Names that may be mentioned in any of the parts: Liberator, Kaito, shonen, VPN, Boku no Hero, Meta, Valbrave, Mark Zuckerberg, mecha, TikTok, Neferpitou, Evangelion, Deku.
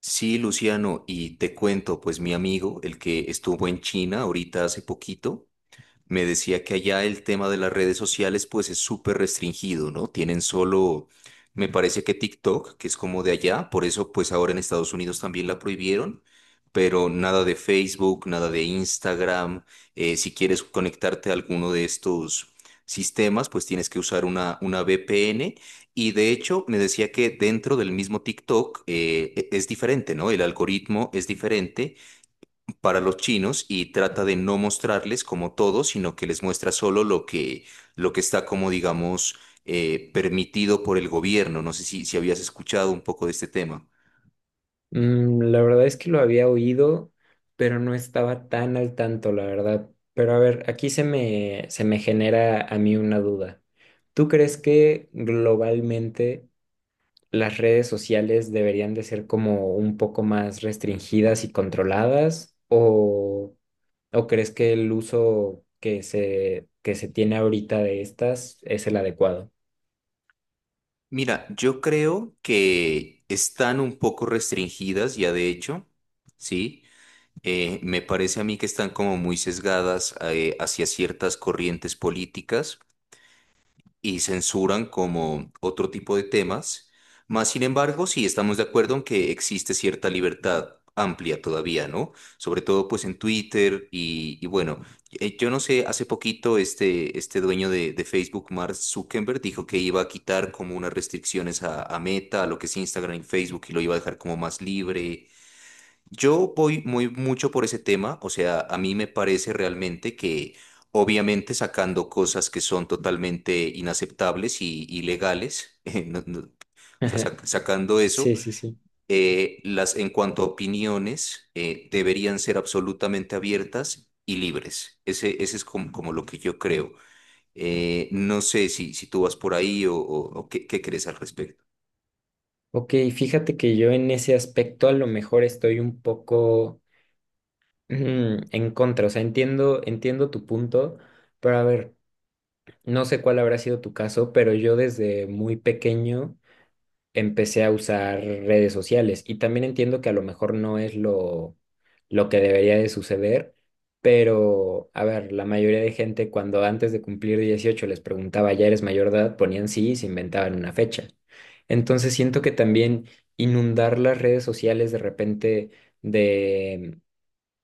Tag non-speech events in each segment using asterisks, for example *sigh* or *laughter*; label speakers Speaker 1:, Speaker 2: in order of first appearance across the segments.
Speaker 1: Sí, Luciano, y te cuento, pues mi amigo, el que estuvo en China ahorita hace poquito, me decía que allá el tema de las redes sociales pues es súper restringido, ¿no? Tienen solo, me parece que TikTok, que es como de allá, por eso pues ahora en Estados Unidos también la prohibieron, pero nada de Facebook, nada de Instagram. Si quieres conectarte a alguno de estos sistemas, pues tienes que usar una VPN. Y de hecho me decía que dentro del mismo TikTok es diferente, ¿no? El algoritmo es diferente para los chinos y trata de no mostrarles como todo, sino que les muestra solo lo que está como, digamos, permitido por el gobierno. No sé si habías escuchado un poco de este tema.
Speaker 2: La verdad es que lo había oído, pero no estaba tan al tanto, la verdad. Pero a ver, aquí se me genera a mí una duda. ¿Tú crees que globalmente las redes sociales deberían de ser como un poco más restringidas y controladas? ¿O crees que el uso que se tiene ahorita de estas es el adecuado?
Speaker 1: Mira, yo creo que están un poco restringidas ya de hecho, ¿sí? Me parece a mí que están como muy sesgadas hacia ciertas corrientes políticas y censuran como otro tipo de temas. Más sin embargo, sí estamos de acuerdo en que existe cierta libertad amplia todavía, ¿no? Sobre todo pues en Twitter y bueno, yo no sé, hace poquito este dueño de Facebook, Mark Zuckerberg, dijo que iba a quitar como unas restricciones a Meta, a lo que es Instagram y Facebook y lo iba a dejar como más libre. Yo voy muy mucho por ese tema, o sea, a mí me parece realmente que obviamente sacando cosas que son totalmente inaceptables y ilegales, *laughs* no, o sea,
Speaker 2: *laughs*
Speaker 1: sacando eso,
Speaker 2: Sí, sí, sí.
Speaker 1: las en cuanto a opiniones deberían ser absolutamente abiertas y libres. Ese es como, como lo que yo creo. No sé si tú vas por ahí o qué, qué crees al respecto.
Speaker 2: Ok, fíjate que yo en ese aspecto a lo mejor estoy un poco, ujú, en contra, o sea, entiendo tu punto, pero a ver, no sé cuál habrá sido tu caso, pero yo desde muy pequeño empecé a usar redes sociales y también entiendo que a lo mejor no es lo que debería de suceder, pero a ver, la mayoría de gente cuando antes de cumplir 18 les preguntaba, ¿ya eres mayor de edad? Ponían sí y se inventaban una fecha. Entonces siento que también inundar las redes sociales de repente de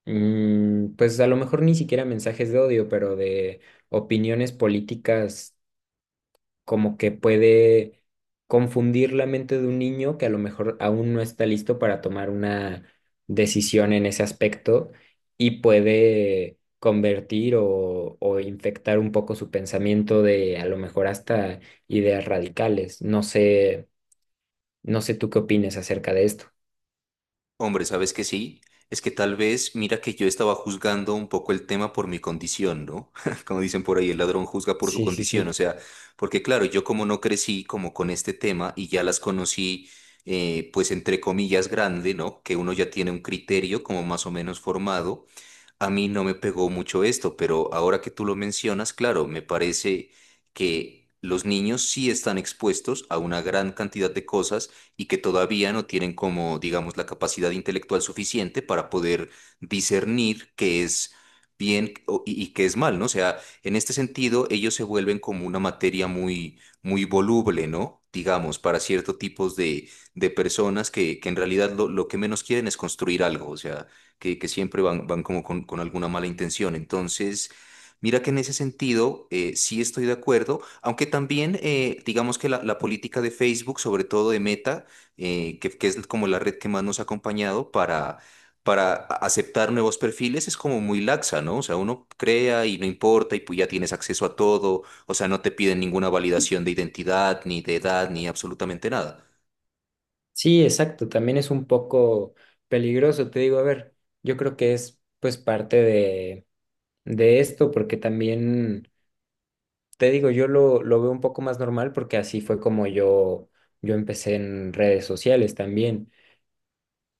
Speaker 2: Pues a lo mejor ni siquiera mensajes de odio, pero de opiniones políticas como que puede confundir la mente de un niño que a lo mejor aún no está listo para tomar una decisión en ese aspecto y puede convertir o infectar un poco su pensamiento de a lo mejor hasta ideas radicales. No sé, no sé tú qué opinas acerca de esto.
Speaker 1: Hombre, ¿sabes que sí? Es que tal vez, mira que yo estaba juzgando un poco el tema por mi condición, ¿no? *laughs* Como dicen por ahí, el ladrón juzga por su
Speaker 2: Sí, sí,
Speaker 1: condición, o
Speaker 2: sí.
Speaker 1: sea, porque claro, yo como no crecí como con este tema y ya las conocí, pues entre comillas grande, ¿no? Que uno ya tiene un criterio como más o menos formado. A mí no me pegó mucho esto, pero ahora que tú lo mencionas, claro, me parece que los niños sí están expuestos a una gran cantidad de cosas y que todavía no tienen como, digamos, la capacidad intelectual suficiente para poder discernir qué es y qué es mal, ¿no? O sea, en este sentido, ellos se vuelven como una materia muy, muy voluble, ¿no? Digamos, para cierto tipos de personas que en realidad lo que menos quieren es construir algo, o sea, que siempre van, van como con alguna mala intención. Entonces, mira que en ese sentido sí estoy de acuerdo, aunque también digamos que la política de Facebook, sobre todo de Meta, que es como la red que más nos ha acompañado para... Para aceptar nuevos perfiles es como muy laxa, ¿no? O sea, uno crea y no importa y pues ya tienes acceso a todo, o sea, no te piden ninguna validación de identidad, ni de edad, ni absolutamente nada.
Speaker 2: Sí, exacto, también es un poco peligroso, te digo, a ver, yo creo que es pues parte de esto, porque también, te digo, yo lo veo un poco más normal porque así fue como yo empecé en redes sociales también,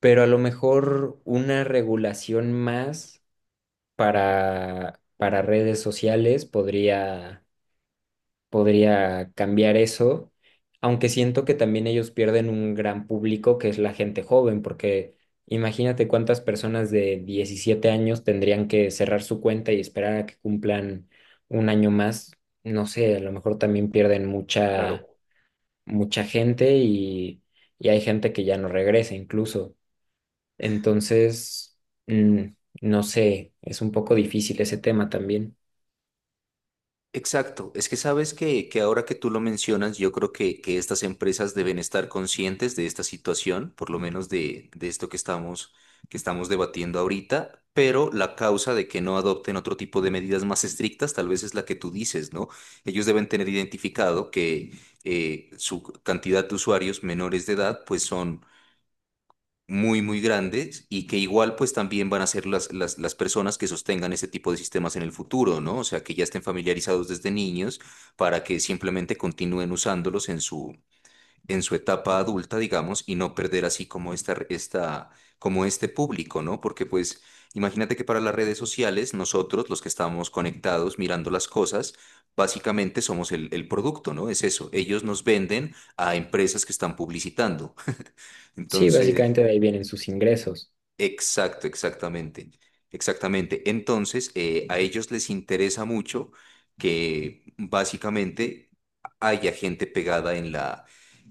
Speaker 2: pero a lo mejor una regulación más para redes sociales podría cambiar eso, aunque siento que también ellos pierden un gran público que es la gente joven, porque imagínate cuántas personas de 17 años tendrían que cerrar su cuenta y esperar a que cumplan un año más. No sé, a lo mejor también pierden mucha,
Speaker 1: Claro.
Speaker 2: mucha gente y hay gente que ya no regresa incluso. Entonces, mm, no sé, es un poco difícil ese tema también.
Speaker 1: Exacto, es que sabes que ahora que tú lo mencionas, yo creo que estas empresas deben estar conscientes de esta situación, por lo menos de esto que estamos debatiendo ahorita, pero la causa de que no adopten otro tipo de medidas más estrictas tal vez es la que tú dices, ¿no? Ellos deben tener identificado que su cantidad de usuarios menores de edad pues son muy, muy grandes y que igual pues también van a ser las personas que sostengan ese tipo de sistemas en el futuro, ¿no? O sea, que ya estén familiarizados desde niños para que simplemente continúen usándolos en su etapa adulta, digamos, y no perder así como esta, como este público, ¿no? Porque pues imagínate que para las redes sociales nosotros, los que estamos conectados mirando las cosas, básicamente somos el producto, ¿no? Es eso, ellos nos venden a empresas que están publicitando.
Speaker 2: Sí,
Speaker 1: Entonces...
Speaker 2: básicamente de ahí vienen sus ingresos.
Speaker 1: Exacto, exactamente. Exactamente. Entonces, a ellos les interesa mucho que básicamente haya gente pegada en la,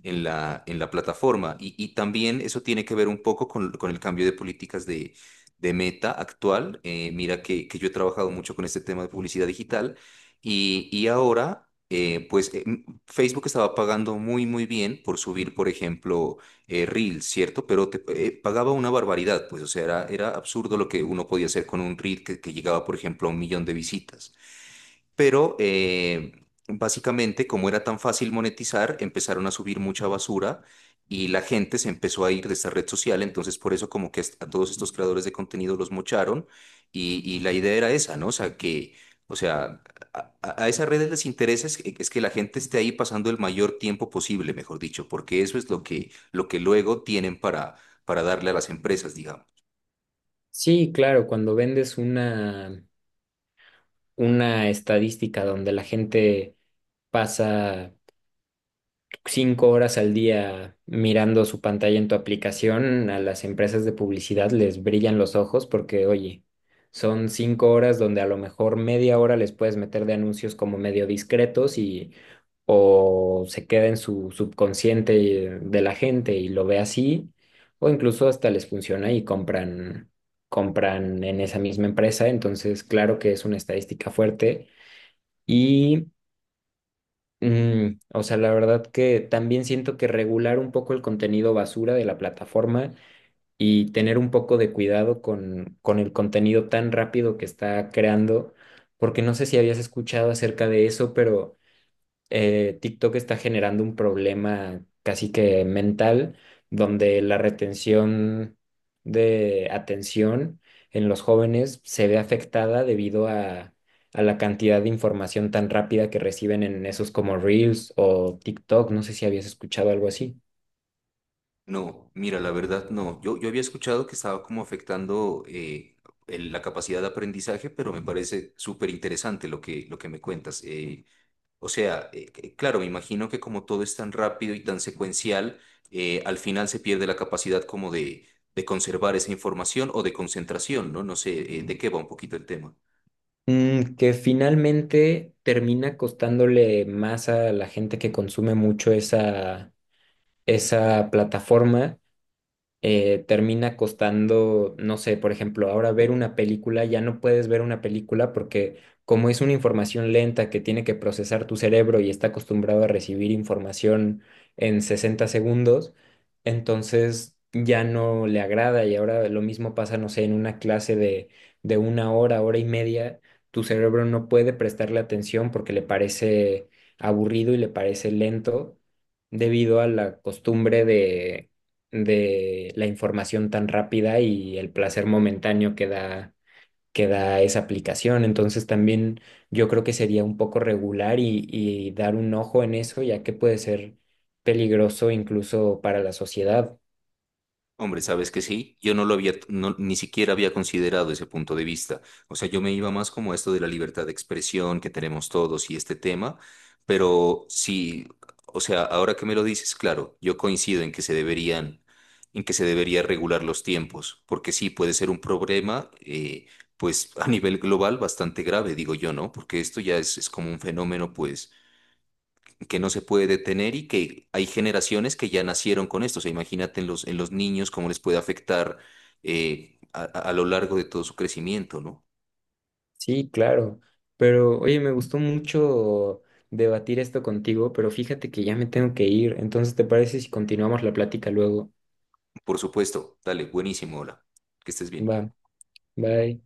Speaker 1: en la, en la plataforma. Y también eso tiene que ver un poco con el cambio de políticas de Meta actual. Mira que yo he trabajado mucho con este tema de publicidad digital y ahora, Facebook estaba pagando muy, muy bien por subir, por ejemplo reel, ¿cierto? Pero te Pagaba una barbaridad, pues, o sea, era, era absurdo lo que uno podía hacer con un reel que llegaba, por ejemplo, a un millón de visitas, pero básicamente como era tan fácil monetizar, empezaron a subir mucha basura y la gente se empezó a ir de esta red social, entonces por eso como que a todos estos creadores de contenido los mocharon y la idea era esa, ¿no? O sea, que, o sea, a esas redes les interesa es que la gente esté ahí pasando el mayor tiempo posible, mejor dicho, porque eso es lo que luego tienen para darle a las empresas, digamos.
Speaker 2: Sí, claro, cuando vendes una estadística donde la gente pasa 5 horas al día mirando su pantalla en tu aplicación, a las empresas de publicidad les brillan los ojos porque, oye, son 5 horas donde a lo mejor media hora les puedes meter de anuncios como medio discretos y o se queda en su subconsciente de la gente y lo ve así, o incluso hasta les funciona y compran, en esa misma empresa. Entonces, claro que es una estadística fuerte. y o sea, la verdad que también siento que regular un poco el contenido basura de la plataforma y tener un poco de cuidado con el contenido tan rápido que está creando, porque no sé si habías escuchado acerca de eso, pero TikTok está generando un problema casi que mental, donde la retención de atención en los jóvenes se ve afectada debido a la cantidad de información tan rápida que reciben en esos como Reels o TikTok. No sé si habías escuchado algo así.
Speaker 1: No, mira, la verdad no. Yo había escuchado que estaba como afectando la capacidad de aprendizaje, pero me parece súper interesante lo que me cuentas. O sea, claro, me imagino que como todo es tan rápido y tan secuencial, al final se pierde la capacidad como de conservar esa información o de concentración, ¿no? No sé, de qué va un poquito el tema.
Speaker 2: Mm, que finalmente termina costándole más a la gente que consume mucho esa plataforma termina costando, no sé, por ejemplo, ahora ver una película, ya no puedes ver una película porque como es una información lenta que tiene que procesar tu cerebro y está acostumbrado a recibir información en 60 segundos, entonces ya no le agrada y ahora lo mismo pasa, no sé, en una clase de una hora, hora y media, tu cerebro no puede prestarle atención porque le parece aburrido y le parece lento debido a la costumbre de la información tan rápida y el placer momentáneo que da esa aplicación. Entonces también yo creo que sería un poco regular y dar un ojo en eso, ya que puede ser peligroso incluso para la sociedad.
Speaker 1: Hombre, ¿sabes que sí? Yo no lo había, ni siquiera había considerado ese punto de vista. O sea, yo me iba más como a esto de la libertad de expresión que tenemos todos y este tema, pero sí, o sea, ahora que me lo dices, claro, yo coincido en que se deberían, en que se debería regular los tiempos, porque sí puede ser un problema, pues a nivel global bastante grave, digo yo, ¿no? Porque esto ya es como un fenómeno, pues que no se puede detener y que hay generaciones que ya nacieron con esto. O sea, imagínate en los niños cómo les puede afectar eh, a, a- a lo largo de todo su crecimiento, ¿no?
Speaker 2: Sí, claro. Pero oye, me gustó mucho debatir esto contigo, pero fíjate que ya me tengo que ir. Entonces, ¿te parece si continuamos la plática luego?
Speaker 1: Por supuesto, dale, buenísimo, hola, que estés bien.
Speaker 2: Va, bye.